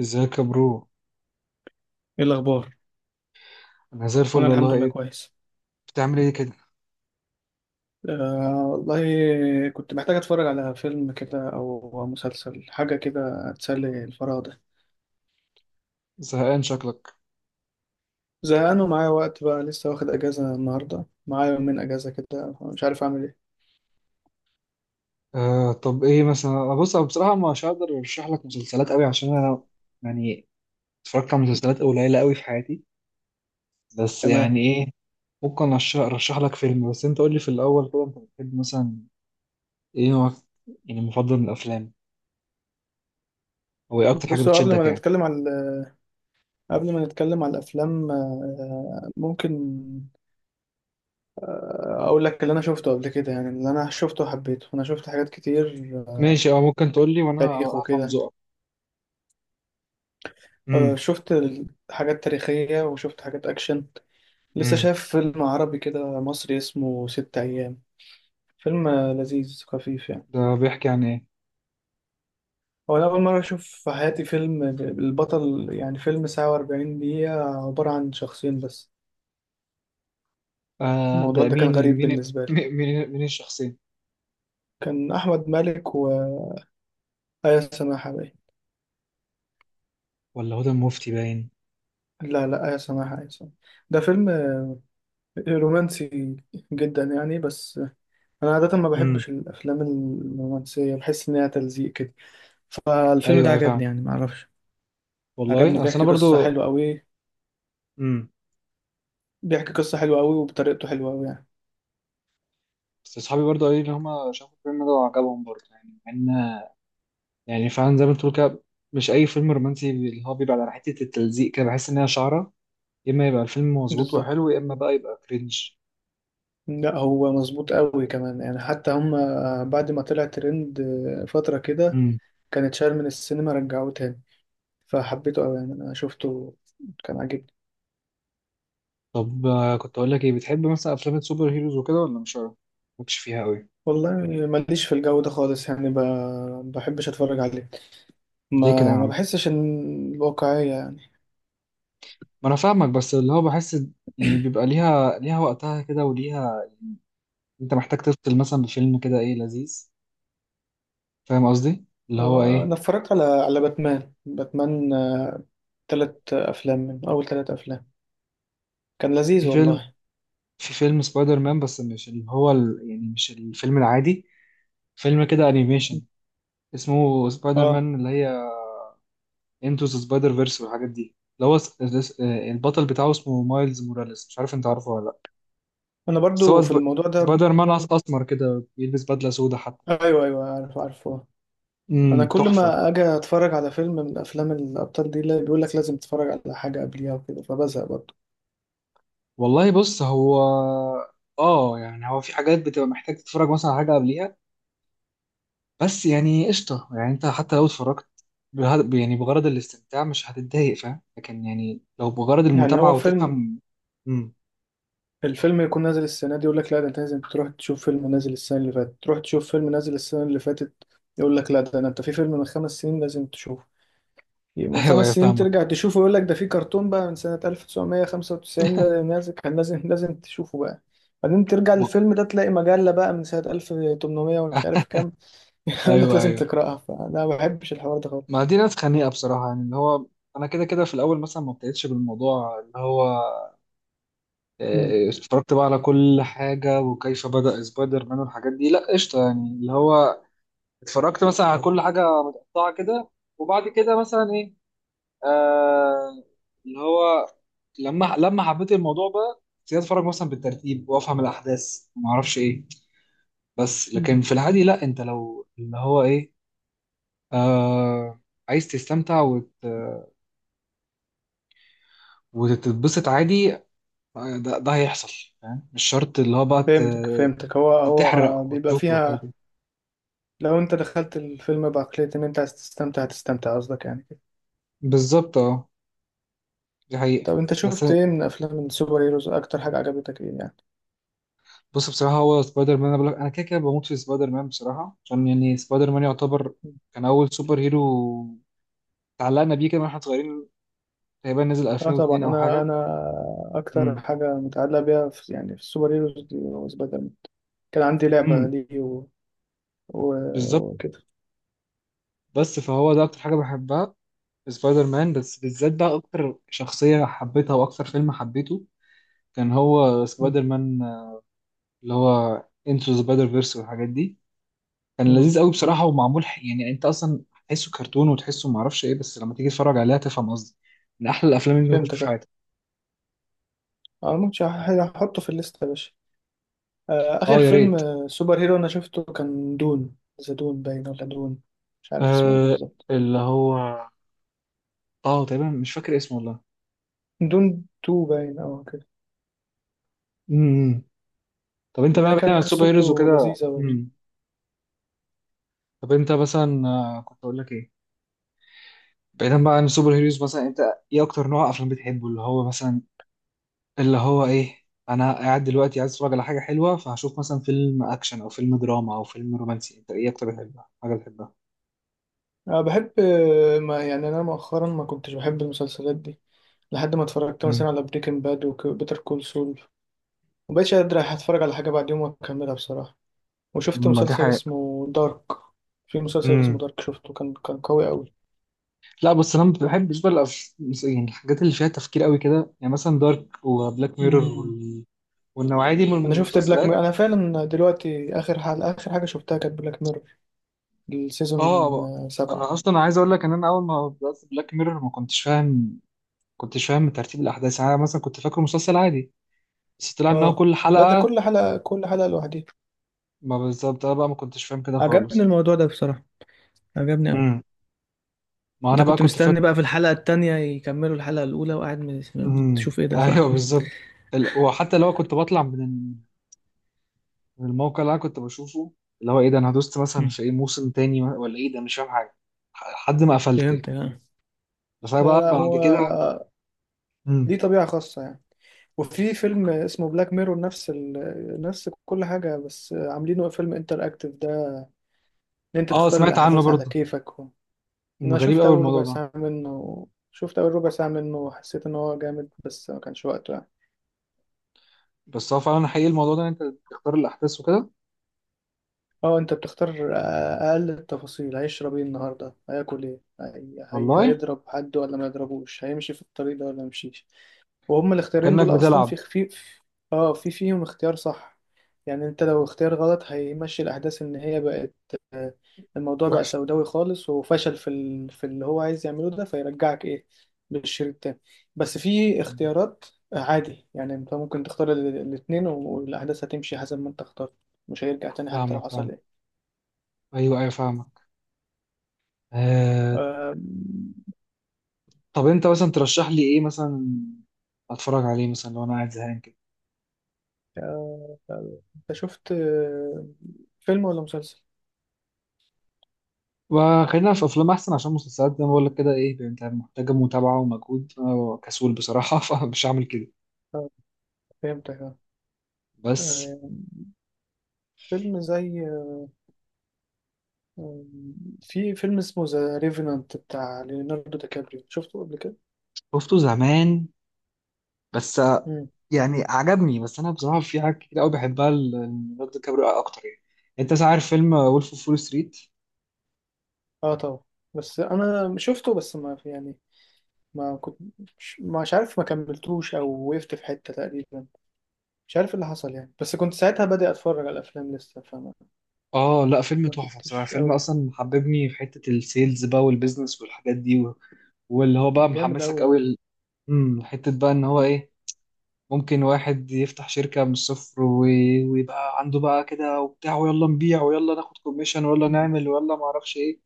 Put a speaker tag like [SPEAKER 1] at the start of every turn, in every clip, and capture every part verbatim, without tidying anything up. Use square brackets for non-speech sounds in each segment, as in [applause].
[SPEAKER 1] ازيك يا برو؟
[SPEAKER 2] ايه الاخبار؟
[SPEAKER 1] انا زي
[SPEAKER 2] انا
[SPEAKER 1] الفل
[SPEAKER 2] الحمد
[SPEAKER 1] والله.
[SPEAKER 2] لله
[SPEAKER 1] ايه؟
[SPEAKER 2] كويس.
[SPEAKER 1] بتعمل ايه كده؟
[SPEAKER 2] آه والله، كنت محتاج اتفرج على فيلم كده او مسلسل، حاجه كده تسلي الفراغ ده.
[SPEAKER 1] زهقان شكلك.
[SPEAKER 2] زهقان ومعايا وقت بقى، لسه واخد اجازه النهارده، معايا يومين اجازه كده، مش عارف اعمل ايه.
[SPEAKER 1] آه طب ايه مثلا؟ آه، بص انا بصراحه مش هقدر ارشح لك مسلسلات قوي، عشان انا يعني اتفرجت على مسلسلات قليله قوي في حياتي. بس
[SPEAKER 2] تمام.
[SPEAKER 1] يعني ايه؟ ممكن أرش- ارشح لك فيلم، بس انت قول لي في الاول كده انت بتحب مثلا ايه نوعك يعني مفضل من الافلام؟ او ايه اكتر حاجه
[SPEAKER 2] بص، هو قبل
[SPEAKER 1] بتشدك
[SPEAKER 2] ما
[SPEAKER 1] يعني؟
[SPEAKER 2] نتكلم على قبل ما نتكلم على الافلام، آه ممكن اقول لك اللي انا شفته قبل كده، يعني اللي انا شفته وحبيته، انا شفت حاجات كتير، آه،
[SPEAKER 1] ماشي اه، ممكن تقول لي وانا
[SPEAKER 2] تاريخ
[SPEAKER 1] هفهم
[SPEAKER 2] وكده.
[SPEAKER 1] ذوقك.
[SPEAKER 2] آه،
[SPEAKER 1] امم.
[SPEAKER 2] شفت حاجات تاريخيه وشفت حاجات اكشن. لسه
[SPEAKER 1] امم،
[SPEAKER 2] شايف فيلم عربي كده مصري اسمه ست أيام، فيلم لذيذ خفيف يعني.
[SPEAKER 1] ده بيحكي عن ايه؟
[SPEAKER 2] هو أنا أول مرة أشوف في حياتي فيلم ب- البطل، يعني فيلم ساعة وأربعين دقيقة عبارة عن شخصين بس.
[SPEAKER 1] آه،
[SPEAKER 2] الموضوع
[SPEAKER 1] ده
[SPEAKER 2] ده كان
[SPEAKER 1] مين
[SPEAKER 2] غريب
[SPEAKER 1] مين [laughs]
[SPEAKER 2] بالنسبة لي.
[SPEAKER 1] مين مين مين الشخصين؟
[SPEAKER 2] كان أحمد مالك وآية سماحة باين.
[SPEAKER 1] ولا هدى المفتي باين.
[SPEAKER 2] لا، لا، آية سماحة، آية سماحة. ده فيلم رومانسي جدا يعني، بس أنا عادة ما
[SPEAKER 1] امم.
[SPEAKER 2] بحبش الأفلام الرومانسية، بحس إنها تلزيق كده. فالفيلم
[SPEAKER 1] ايوه،
[SPEAKER 2] ده
[SPEAKER 1] ايوه، فاهم.
[SPEAKER 2] عجبني يعني، معرفش. عجبني،
[SPEAKER 1] والله اصل انا
[SPEAKER 2] بيحكي قصة
[SPEAKER 1] برضو.
[SPEAKER 2] حلوة أوي.
[SPEAKER 1] امم.
[SPEAKER 2] بيحكي قصة حلوة قوي وبطريقته حلوة قوي يعني.
[SPEAKER 1] بس اصحابي برضو قالوا لي ان هم شافوا الفيلم ده وعجبهم برضو، يعني مع ان يعني فعلا زي ما انت بتقول كده، مش اي فيلم رومانسي اللي هو بيبقى على حته التلزيق كده بحس ان هي شعره. يا اما يبقى الفيلم مظبوط
[SPEAKER 2] بالظبط.
[SPEAKER 1] وحلو، يا اما بقى يبقى كرنج.
[SPEAKER 2] لا، هو مظبوط قوي كمان يعني، حتى هم بعد ما طلع ترند فترة كده،
[SPEAKER 1] امم.
[SPEAKER 2] كانت شال من السينما، رجعوه تاني. فحبيته قوي يعني، انا شفته كان عاجبني.
[SPEAKER 1] طب آه، كنت اقول لك ايه؟ بتحب مثلا افلام السوبر هيروز وكده ولا مش عارف؟ مالكش فيها قوي؟
[SPEAKER 2] والله، ماليش في الجو ده خالص، يعني ب... بحبش اتفرج عليه.
[SPEAKER 1] ليه كده يا
[SPEAKER 2] ما ما
[SPEAKER 1] عم؟
[SPEAKER 2] بحسش ان الواقعية يعني.
[SPEAKER 1] ما انا فاهمك، بس اللي هو بحس يعني بيبقى ليها ليها وقتها كده وليها. انت محتاج تفصل مثلا بفيلم كده، ايه، لذيذ. فاهم قصدي اللي هو
[SPEAKER 2] آه،
[SPEAKER 1] ايه.
[SPEAKER 2] انا اتفرجت على على باتمان باتمان، آه، تلات افلام من اول تلات افلام، كان لذيذ
[SPEAKER 1] في فيلم
[SPEAKER 2] والله.
[SPEAKER 1] في فيلم سبايدر مان، بس مش اللي هو ال... يعني مش الفيلم العادي، فيلم كده انيميشن اسمه سبايدر
[SPEAKER 2] اه
[SPEAKER 1] مان اللي هي انتو ذا سبايدر فيرس والحاجات دي، اللي هو س- س- البطل بتاعه اسمه مايلز موراليس، مش عارف انت عارفه ولا لا.
[SPEAKER 2] انا
[SPEAKER 1] بس
[SPEAKER 2] برضو
[SPEAKER 1] هو
[SPEAKER 2] في
[SPEAKER 1] سب...
[SPEAKER 2] الموضوع ده.
[SPEAKER 1] سبايدر مان أس- اسمر كده، بيلبس بدلة سودا حتى.
[SPEAKER 2] ايوه، ايوه، عارف، عارفه. انا
[SPEAKER 1] امم،
[SPEAKER 2] كل
[SPEAKER 1] تحفة.
[SPEAKER 2] ما اجي اتفرج على فيلم من افلام الابطال دي، اللي بيقول لك لازم تتفرج على حاجه قبليها وكده، فبزهق برضه.
[SPEAKER 1] والله بص هو، اه، يعني هو في حاجات بتبقى محتاج تتفرج مثلا على حاجة قبليها، بس يعني قشطة، يعني انت حتى لو اتفرجت بهد... يعني بغرض الاستمتاع مش هتتضايق، فاهم؟ لكن يعني لو بغرض
[SPEAKER 2] يعني
[SPEAKER 1] المتابعة
[SPEAKER 2] هو فيلم،
[SPEAKER 1] وتفهم. امم.
[SPEAKER 2] الفيلم يكون نازل السنه دي، يقول لك لا ده انت لازم تروح تشوف فيلم نازل السنه اللي فاتت، تروح تشوف فيلم نازل السنه اللي فاتت. يقول لك لا ده أنا- انت في فيلم من خمس سنين لازم تشوفه،
[SPEAKER 1] [laughs]
[SPEAKER 2] من
[SPEAKER 1] ايوه،
[SPEAKER 2] خمس
[SPEAKER 1] ايوه،
[SPEAKER 2] سنين
[SPEAKER 1] فاهمك.
[SPEAKER 2] ترجع تشوفه، يقول لك ده في كرتون بقى من سنه ألف وتسعمية وخمسة وتسعين ده نازل، كان لازم لازم تشوفه بقى. بعدين ترجع
[SPEAKER 1] م-
[SPEAKER 2] للفيلم ده تلاقي مجلة بقى من سنة ألف وتمنمية ومش
[SPEAKER 1] أه،
[SPEAKER 2] عارف كام.
[SPEAKER 1] [laughs]
[SPEAKER 2] [laughs] يقول لك
[SPEAKER 1] ايوه،
[SPEAKER 2] لازم
[SPEAKER 1] ايوه.
[SPEAKER 2] تقرأها، فلا ما بحبش الحوار ده
[SPEAKER 1] ما
[SPEAKER 2] خالص.
[SPEAKER 1] دي ناس خنيقة بصراحة، يعني اللي هو انا كده كده في الاول مثلا ما ابتديتش بالموضوع اللي هو
[SPEAKER 2] مم.
[SPEAKER 1] آه، اتفرجت بقى على كل حاجة وكيف بدأ سبايدر مان والحاجات دي، لا قشطة يعني اللي هو اتفرجت مثلا على كل حاجة متقطعة كده، وبعد كده مثلا ايه، آه اللي هو لما لما حبيت الموضوع بقى ابتديت اتفرج مثلا بالترتيب وافهم الاحداث وما اعرفش ايه. بس
[SPEAKER 2] مم.
[SPEAKER 1] لكن في العادي لا، انت لو اللي هو ايه، آه عايز تستمتع وت... وتتبسط عادي، آه، ده, ده هيحصل. فاهم؟ مش شرط اللي هو بقى
[SPEAKER 2] فهمتك،
[SPEAKER 1] ت-
[SPEAKER 2] فهمتك، هو هو
[SPEAKER 1] تحرق
[SPEAKER 2] بيبقى
[SPEAKER 1] وتشوف والحاجات
[SPEAKER 2] فيها،
[SPEAKER 1] دي.
[SPEAKER 2] لو انت دخلت الفيلم بعقلية ان انت عايز تستمتع هتستمتع، قصدك يعني كده.
[SPEAKER 1] بالظبط، اه، دي حقيقة.
[SPEAKER 2] طب انت
[SPEAKER 1] بس
[SPEAKER 2] شفت ايه من افلام السوبر هيروز، اكتر حاجة عجبتك ايه يعني؟
[SPEAKER 1] بص، بصراحة هو سبايدر مان، انا بقول لك انا كده كده بموت في سبايدر مان بصراحة، عشان يعني سبايدر مان يعتبر
[SPEAKER 2] مم.
[SPEAKER 1] كان اول سوبر هيرو اتعلقنا بيه كده واحنا صغيرين. تقريبا نزل
[SPEAKER 2] اه طبعا،
[SPEAKER 1] ألفين واتنين او
[SPEAKER 2] انا
[SPEAKER 1] حاجة.
[SPEAKER 2] انا اكتر
[SPEAKER 1] مم.
[SPEAKER 2] حاجة متعلقة بيها في، يعني في السوبر هيروز دي، هو سبايدر مان. كان عندي لعبة
[SPEAKER 1] امم.
[SPEAKER 2] ليه و... و...
[SPEAKER 1] بالظبط.
[SPEAKER 2] وكده.
[SPEAKER 1] بس فهو ده اكتر حاجه بحبها في سبايدر مان، بس بالذات بقى اكتر شخصيه حبيتها واكتر فيلم حبيته كان هو
[SPEAKER 2] مم.
[SPEAKER 1] سبايدر مان، آه، اللي هو انتو سبايدر فيرس والحاجات دي. كان
[SPEAKER 2] مم.
[SPEAKER 1] لذيذ قوي بصراحه، ومعمول ح- يعني انت اصلا تحسه كرتون وتحسه معرفش ايه، بس لما تيجي تتفرج عليها تفهم قصدي. من احلى الافلام اللي ممكن تشوفها
[SPEAKER 2] فهمتك
[SPEAKER 1] في
[SPEAKER 2] اه.
[SPEAKER 1] حياتك.
[SPEAKER 2] آه، ممكن هحطه في الليستة يا باشا. آه، آخر
[SPEAKER 1] اه يا
[SPEAKER 2] فيلم
[SPEAKER 1] ريت.
[SPEAKER 2] آه، سوبر هيرو أنا شفته كان دون، ذا دون باين ولا دون، مش عارف اسمه إيه
[SPEAKER 1] آه
[SPEAKER 2] بالظبط.
[SPEAKER 1] اللي هو، اه تقريبا مش فاكر اسمه والله.
[SPEAKER 2] دون تو باين أو كده.
[SPEAKER 1] امم. طب انت بقى
[SPEAKER 2] ده
[SPEAKER 1] بعيد
[SPEAKER 2] كان
[SPEAKER 1] عن السوبر هيروز
[SPEAKER 2] قصته
[SPEAKER 1] وكده.
[SPEAKER 2] لذيذة برضه.
[SPEAKER 1] امم. طب انت مثلا آه، كنت اقول لك ايه؟ بعيدا بقى عن السوبر هيروز مثلا، انت ايه اكتر نوع افلام بتحبه؟ اللي هو مثلا اللي هو ايه، انا قاعد دلوقتي عايز اتفرج على حاجه حلوه، فهشوف مثلا فيلم اكشن او فيلم دراما او فيلم رومانسي؟ انت ايه اكتر بتحبها حاجه بتحبها؟
[SPEAKER 2] أنا بحب، آه، ما يعني، أنا مؤخرا ما كنتش بحب المسلسلات دي، لحد ما اتفرجت
[SPEAKER 1] امم.
[SPEAKER 2] مثلا على بريكنج باد وبيتر كول سول. مبقتش قادر أتفرج على حاجة بعد يوم وأكملها بصراحة. وشفت
[SPEAKER 1] ما دي
[SPEAKER 2] مسلسل
[SPEAKER 1] حاجه.
[SPEAKER 2] اسمه دارك. في مسلسل اسمه
[SPEAKER 1] امم.
[SPEAKER 2] دارك شفته، كان كان قوي أوي.
[SPEAKER 1] لا بص، انا ما بحبش بقى الأف- يعني الحاجات اللي فيها تفكير قوي كده، يعني مثلا دارك وبلاك ميرور
[SPEAKER 2] امم
[SPEAKER 1] وال... والنوعيه دي من
[SPEAKER 2] أنا شفت بلاك مير،
[SPEAKER 1] المسلسلات.
[SPEAKER 2] أنا فعلا دلوقتي آخر حلقة آخر حاجة شفتها كانت بلاك مير، السيزون
[SPEAKER 1] اه،
[SPEAKER 2] آه، سبعة.
[SPEAKER 1] انا اصلا عايز اقول لك ان انا اول ما بدات بلاك ميرور ما كنتش فاهم، كنتش فاهم ترتيب الاحداث، يعني انا مثلا كنت فاكره مسلسل عادي، بس طلع انها
[SPEAKER 2] اه،
[SPEAKER 1] كل
[SPEAKER 2] لا ده
[SPEAKER 1] حلقة.
[SPEAKER 2] كل حلقة، كل حلقة لوحدها.
[SPEAKER 1] ما بالظبط، انا بقى ما كنتش فاهم كده
[SPEAKER 2] عجبني
[SPEAKER 1] خالص.
[SPEAKER 2] الموضوع ده بصراحة، عجبني أوي.
[SPEAKER 1] امم. ما
[SPEAKER 2] أنت
[SPEAKER 1] انا بقى
[SPEAKER 2] كنت
[SPEAKER 1] كنت فاكر.
[SPEAKER 2] مستني بقى في الحلقة التانية يكملوا الحلقة الأولى وقاعد م-
[SPEAKER 1] امم.
[SPEAKER 2] بتشوف إيه ده،
[SPEAKER 1] ايوه،
[SPEAKER 2] صح؟
[SPEAKER 1] بالظبط. ال... وحتى لو كنت بطلع من ال- من الموقع اللي انا كنت بشوفه، اللي هو ايه ده انا دوست
[SPEAKER 2] [laughs]
[SPEAKER 1] مثلا
[SPEAKER 2] مم.
[SPEAKER 1] في ايه، موسم تاني ولا ايه ده، مش فاهم حاجة لحد ما قفلت يعني.
[SPEAKER 2] فهمت يعني.
[SPEAKER 1] بس انا
[SPEAKER 2] لا،
[SPEAKER 1] بقى
[SPEAKER 2] لا،
[SPEAKER 1] بعد
[SPEAKER 2] هو
[SPEAKER 1] كده. امم.
[SPEAKER 2] ليه طبيعة خاصة يعني. وفي فيلم اسمه بلاك ميرور نفس ال... نفس كل حاجة، بس عاملينه فيلم انتر اكتف ده، ان انت
[SPEAKER 1] اه
[SPEAKER 2] تختار
[SPEAKER 1] سمعت عنه
[SPEAKER 2] الاحداث على
[SPEAKER 1] برضه.
[SPEAKER 2] كيفك و...
[SPEAKER 1] أمم،
[SPEAKER 2] انا
[SPEAKER 1] غريب
[SPEAKER 2] شفت
[SPEAKER 1] قوي
[SPEAKER 2] اول
[SPEAKER 1] الموضوع
[SPEAKER 2] ربع
[SPEAKER 1] ده.
[SPEAKER 2] ساعة منه، شفت اول ربع ساعة منه، وحسيت ان هو جامد بس ما كانش وقته يعني.
[SPEAKER 1] بس هو فعلا حقيقي الموضوع ده، إن انت تختار الاحداث وكده.
[SPEAKER 2] اه انت بتختار، آه، اقل التفاصيل، هيشرب ايه النهارده، هياكل ايه، هي... هي...
[SPEAKER 1] والله.
[SPEAKER 2] هيضرب حد ولا ما يضربوش، هيمشي في الطريق ده ولا ما يمشيش. وهم الاختيارين
[SPEAKER 1] كأنك
[SPEAKER 2] دول اصلا
[SPEAKER 1] بتلعب.
[SPEAKER 2] في خفيف. اه في فيهم اختيار صح، يعني انت لو اختيار غلط هيمشي الاحداث ان هي بقت، آه، الموضوع بقى
[SPEAKER 1] وحش.
[SPEAKER 2] سوداوي خالص، وفشل في ال... في اللي هو عايز يعمله ده، فيرجعك ايه للشريط التاني. بس في
[SPEAKER 1] أمم،
[SPEAKER 2] اختيارات عادي، يعني انت ممكن تختار ال- الاتنين، والاحداث هتمشي حسب ما انت اخترت، مش هيرجع تاني حتى لو
[SPEAKER 1] فاهمك، فاهم.
[SPEAKER 2] حصل.
[SPEAKER 1] ايوه، ايوه، فاهمك. آه،
[SPEAKER 2] آم،
[SPEAKER 1] طب انت مثلا ترشح لي ايه مثلا اتفرج عليه مثلا لو انا قاعد زهقان كده؟
[SPEAKER 2] آه، آه، أه، انت شفت آه، فيلم ولا مسلسل؟
[SPEAKER 1] وخلينا في افلام احسن، عشان مسلسلات زي ما بقول لك كده، ايه يعني، انت محتاجه متابعه ومجهود، انا كسول بصراحه [laughs] فمش هعمل كده.
[SPEAKER 2] آه، فهمتك آه.
[SPEAKER 1] بس
[SPEAKER 2] آم، فيلم زي، آم، في فيلم اسمه ذا ريفنانت بتاع ليوناردو دي كابريو، شفته قبل كده؟
[SPEAKER 1] شفته زمان، بس آه،
[SPEAKER 2] مم.
[SPEAKER 1] يعني عجبني. بس انا بصراحه في حاجات كتير قوي بحبها ال- ليوناردو دي كابريو اكتر يعني. انت مثلا عارف فيلم وولف اوف فول ستريت؟
[SPEAKER 2] اه طبعا، بس انا شفته بس ما في يعني، ما كنت، مش مش عارف، ما كملتوش او وقفت في حتة تقريبا، مش عارف إيه اللي حصل يعني، بس كنت ساعتها بادئ اتفرج على الافلام لسه فما.
[SPEAKER 1] اه لا، فيلم
[SPEAKER 2] ما
[SPEAKER 1] تحفه بصراحه،
[SPEAKER 2] كنتش
[SPEAKER 1] فيلم
[SPEAKER 2] قوي.
[SPEAKER 1] اصلا حببني في حته السيلز بقى والبيزنس والحاجات دي و... واللي هو بقى
[SPEAKER 2] جامد
[SPEAKER 1] محمسك
[SPEAKER 2] قوي اه.
[SPEAKER 1] قوي ال... امم. حته بقى ان هو ايه، ممكن واحد يفتح شركه من الصفر و... ويبقى عنده بقى كده وبتاع، ويلا نبيع ويلا ناخد كوميشن ويلا
[SPEAKER 2] مم.
[SPEAKER 1] نعمل ويلا ما اعرفش ايه.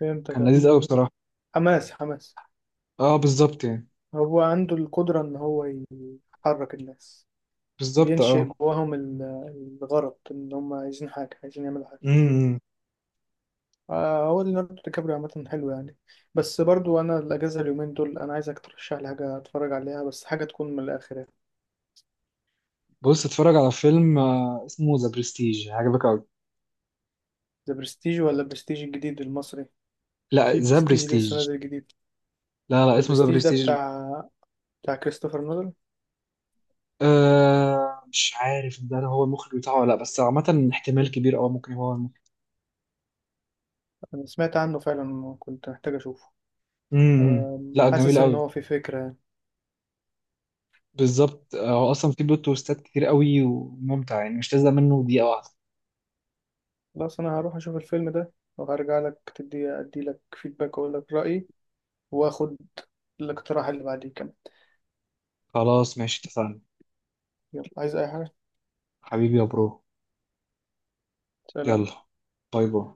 [SPEAKER 2] فهمتك
[SPEAKER 1] كان
[SPEAKER 2] اه.
[SPEAKER 1] لذيذ قوي بصراحه.
[SPEAKER 2] حماس حماس.
[SPEAKER 1] اه بالظبط يعني.
[SPEAKER 2] هو عنده القدرة إن هو يحرك الناس،
[SPEAKER 1] بالظبط
[SPEAKER 2] بينشئ
[SPEAKER 1] اه.
[SPEAKER 2] جواهم ال- الغرض إن هم عايزين حاجة، عايزين يعملوا حاجة.
[SPEAKER 1] امم.
[SPEAKER 2] آه، هو ليوناردو دي كابريو عامة حلو يعني. بس برضو أنا الأجازة اليومين دول أنا عايزك ترشح لي حاجة أتفرج عليها، بس حاجة تكون من الآخر يعني.
[SPEAKER 1] بص اتفرج على فيلم آه، اسمه ذا برستيج، عجبك قوي.
[SPEAKER 2] ذا برستيج ولا برستيج الجديد المصري؟
[SPEAKER 1] لا،
[SPEAKER 2] في
[SPEAKER 1] ذا
[SPEAKER 2] برستيج لسه
[SPEAKER 1] برستيج.
[SPEAKER 2] نازل جديد.
[SPEAKER 1] لا لا،
[SPEAKER 2] ذا
[SPEAKER 1] اسمه ذا
[SPEAKER 2] برستيج ده
[SPEAKER 1] برستيج.
[SPEAKER 2] بتاع بتاع كريستوفر نولان.
[SPEAKER 1] أه مش عارف ده هو المخرج بتاعه ولا لا، بس عامة احتمال كبير قوي ممكن هو المخرج.
[SPEAKER 2] أنا سمعت عنه فعلا وكنت محتاج أشوفه.
[SPEAKER 1] امم.
[SPEAKER 2] أم،
[SPEAKER 1] لا جميل
[SPEAKER 2] حاسس إن
[SPEAKER 1] قوي.
[SPEAKER 2] هو في فكرة يعني.
[SPEAKER 1] بالظبط، آه، هو اصلا في بلوت تويستات كتير قوي وممتع، يعني مش تزهق منه دقيقة واحدة.
[SPEAKER 2] خلاص انا هروح اشوف الفيلم ده، وهرجع لك تدي ادي لك فيدباك، واقول لك رايي، واخد الاقتراح اللي بعديه كمان.
[SPEAKER 1] خلاص ماشي، اتفقنا.
[SPEAKER 2] يلا عايز اي حاجه.
[SPEAKER 1] حبيبي يا برو.
[SPEAKER 2] سلام.
[SPEAKER 1] يلا. باي باي.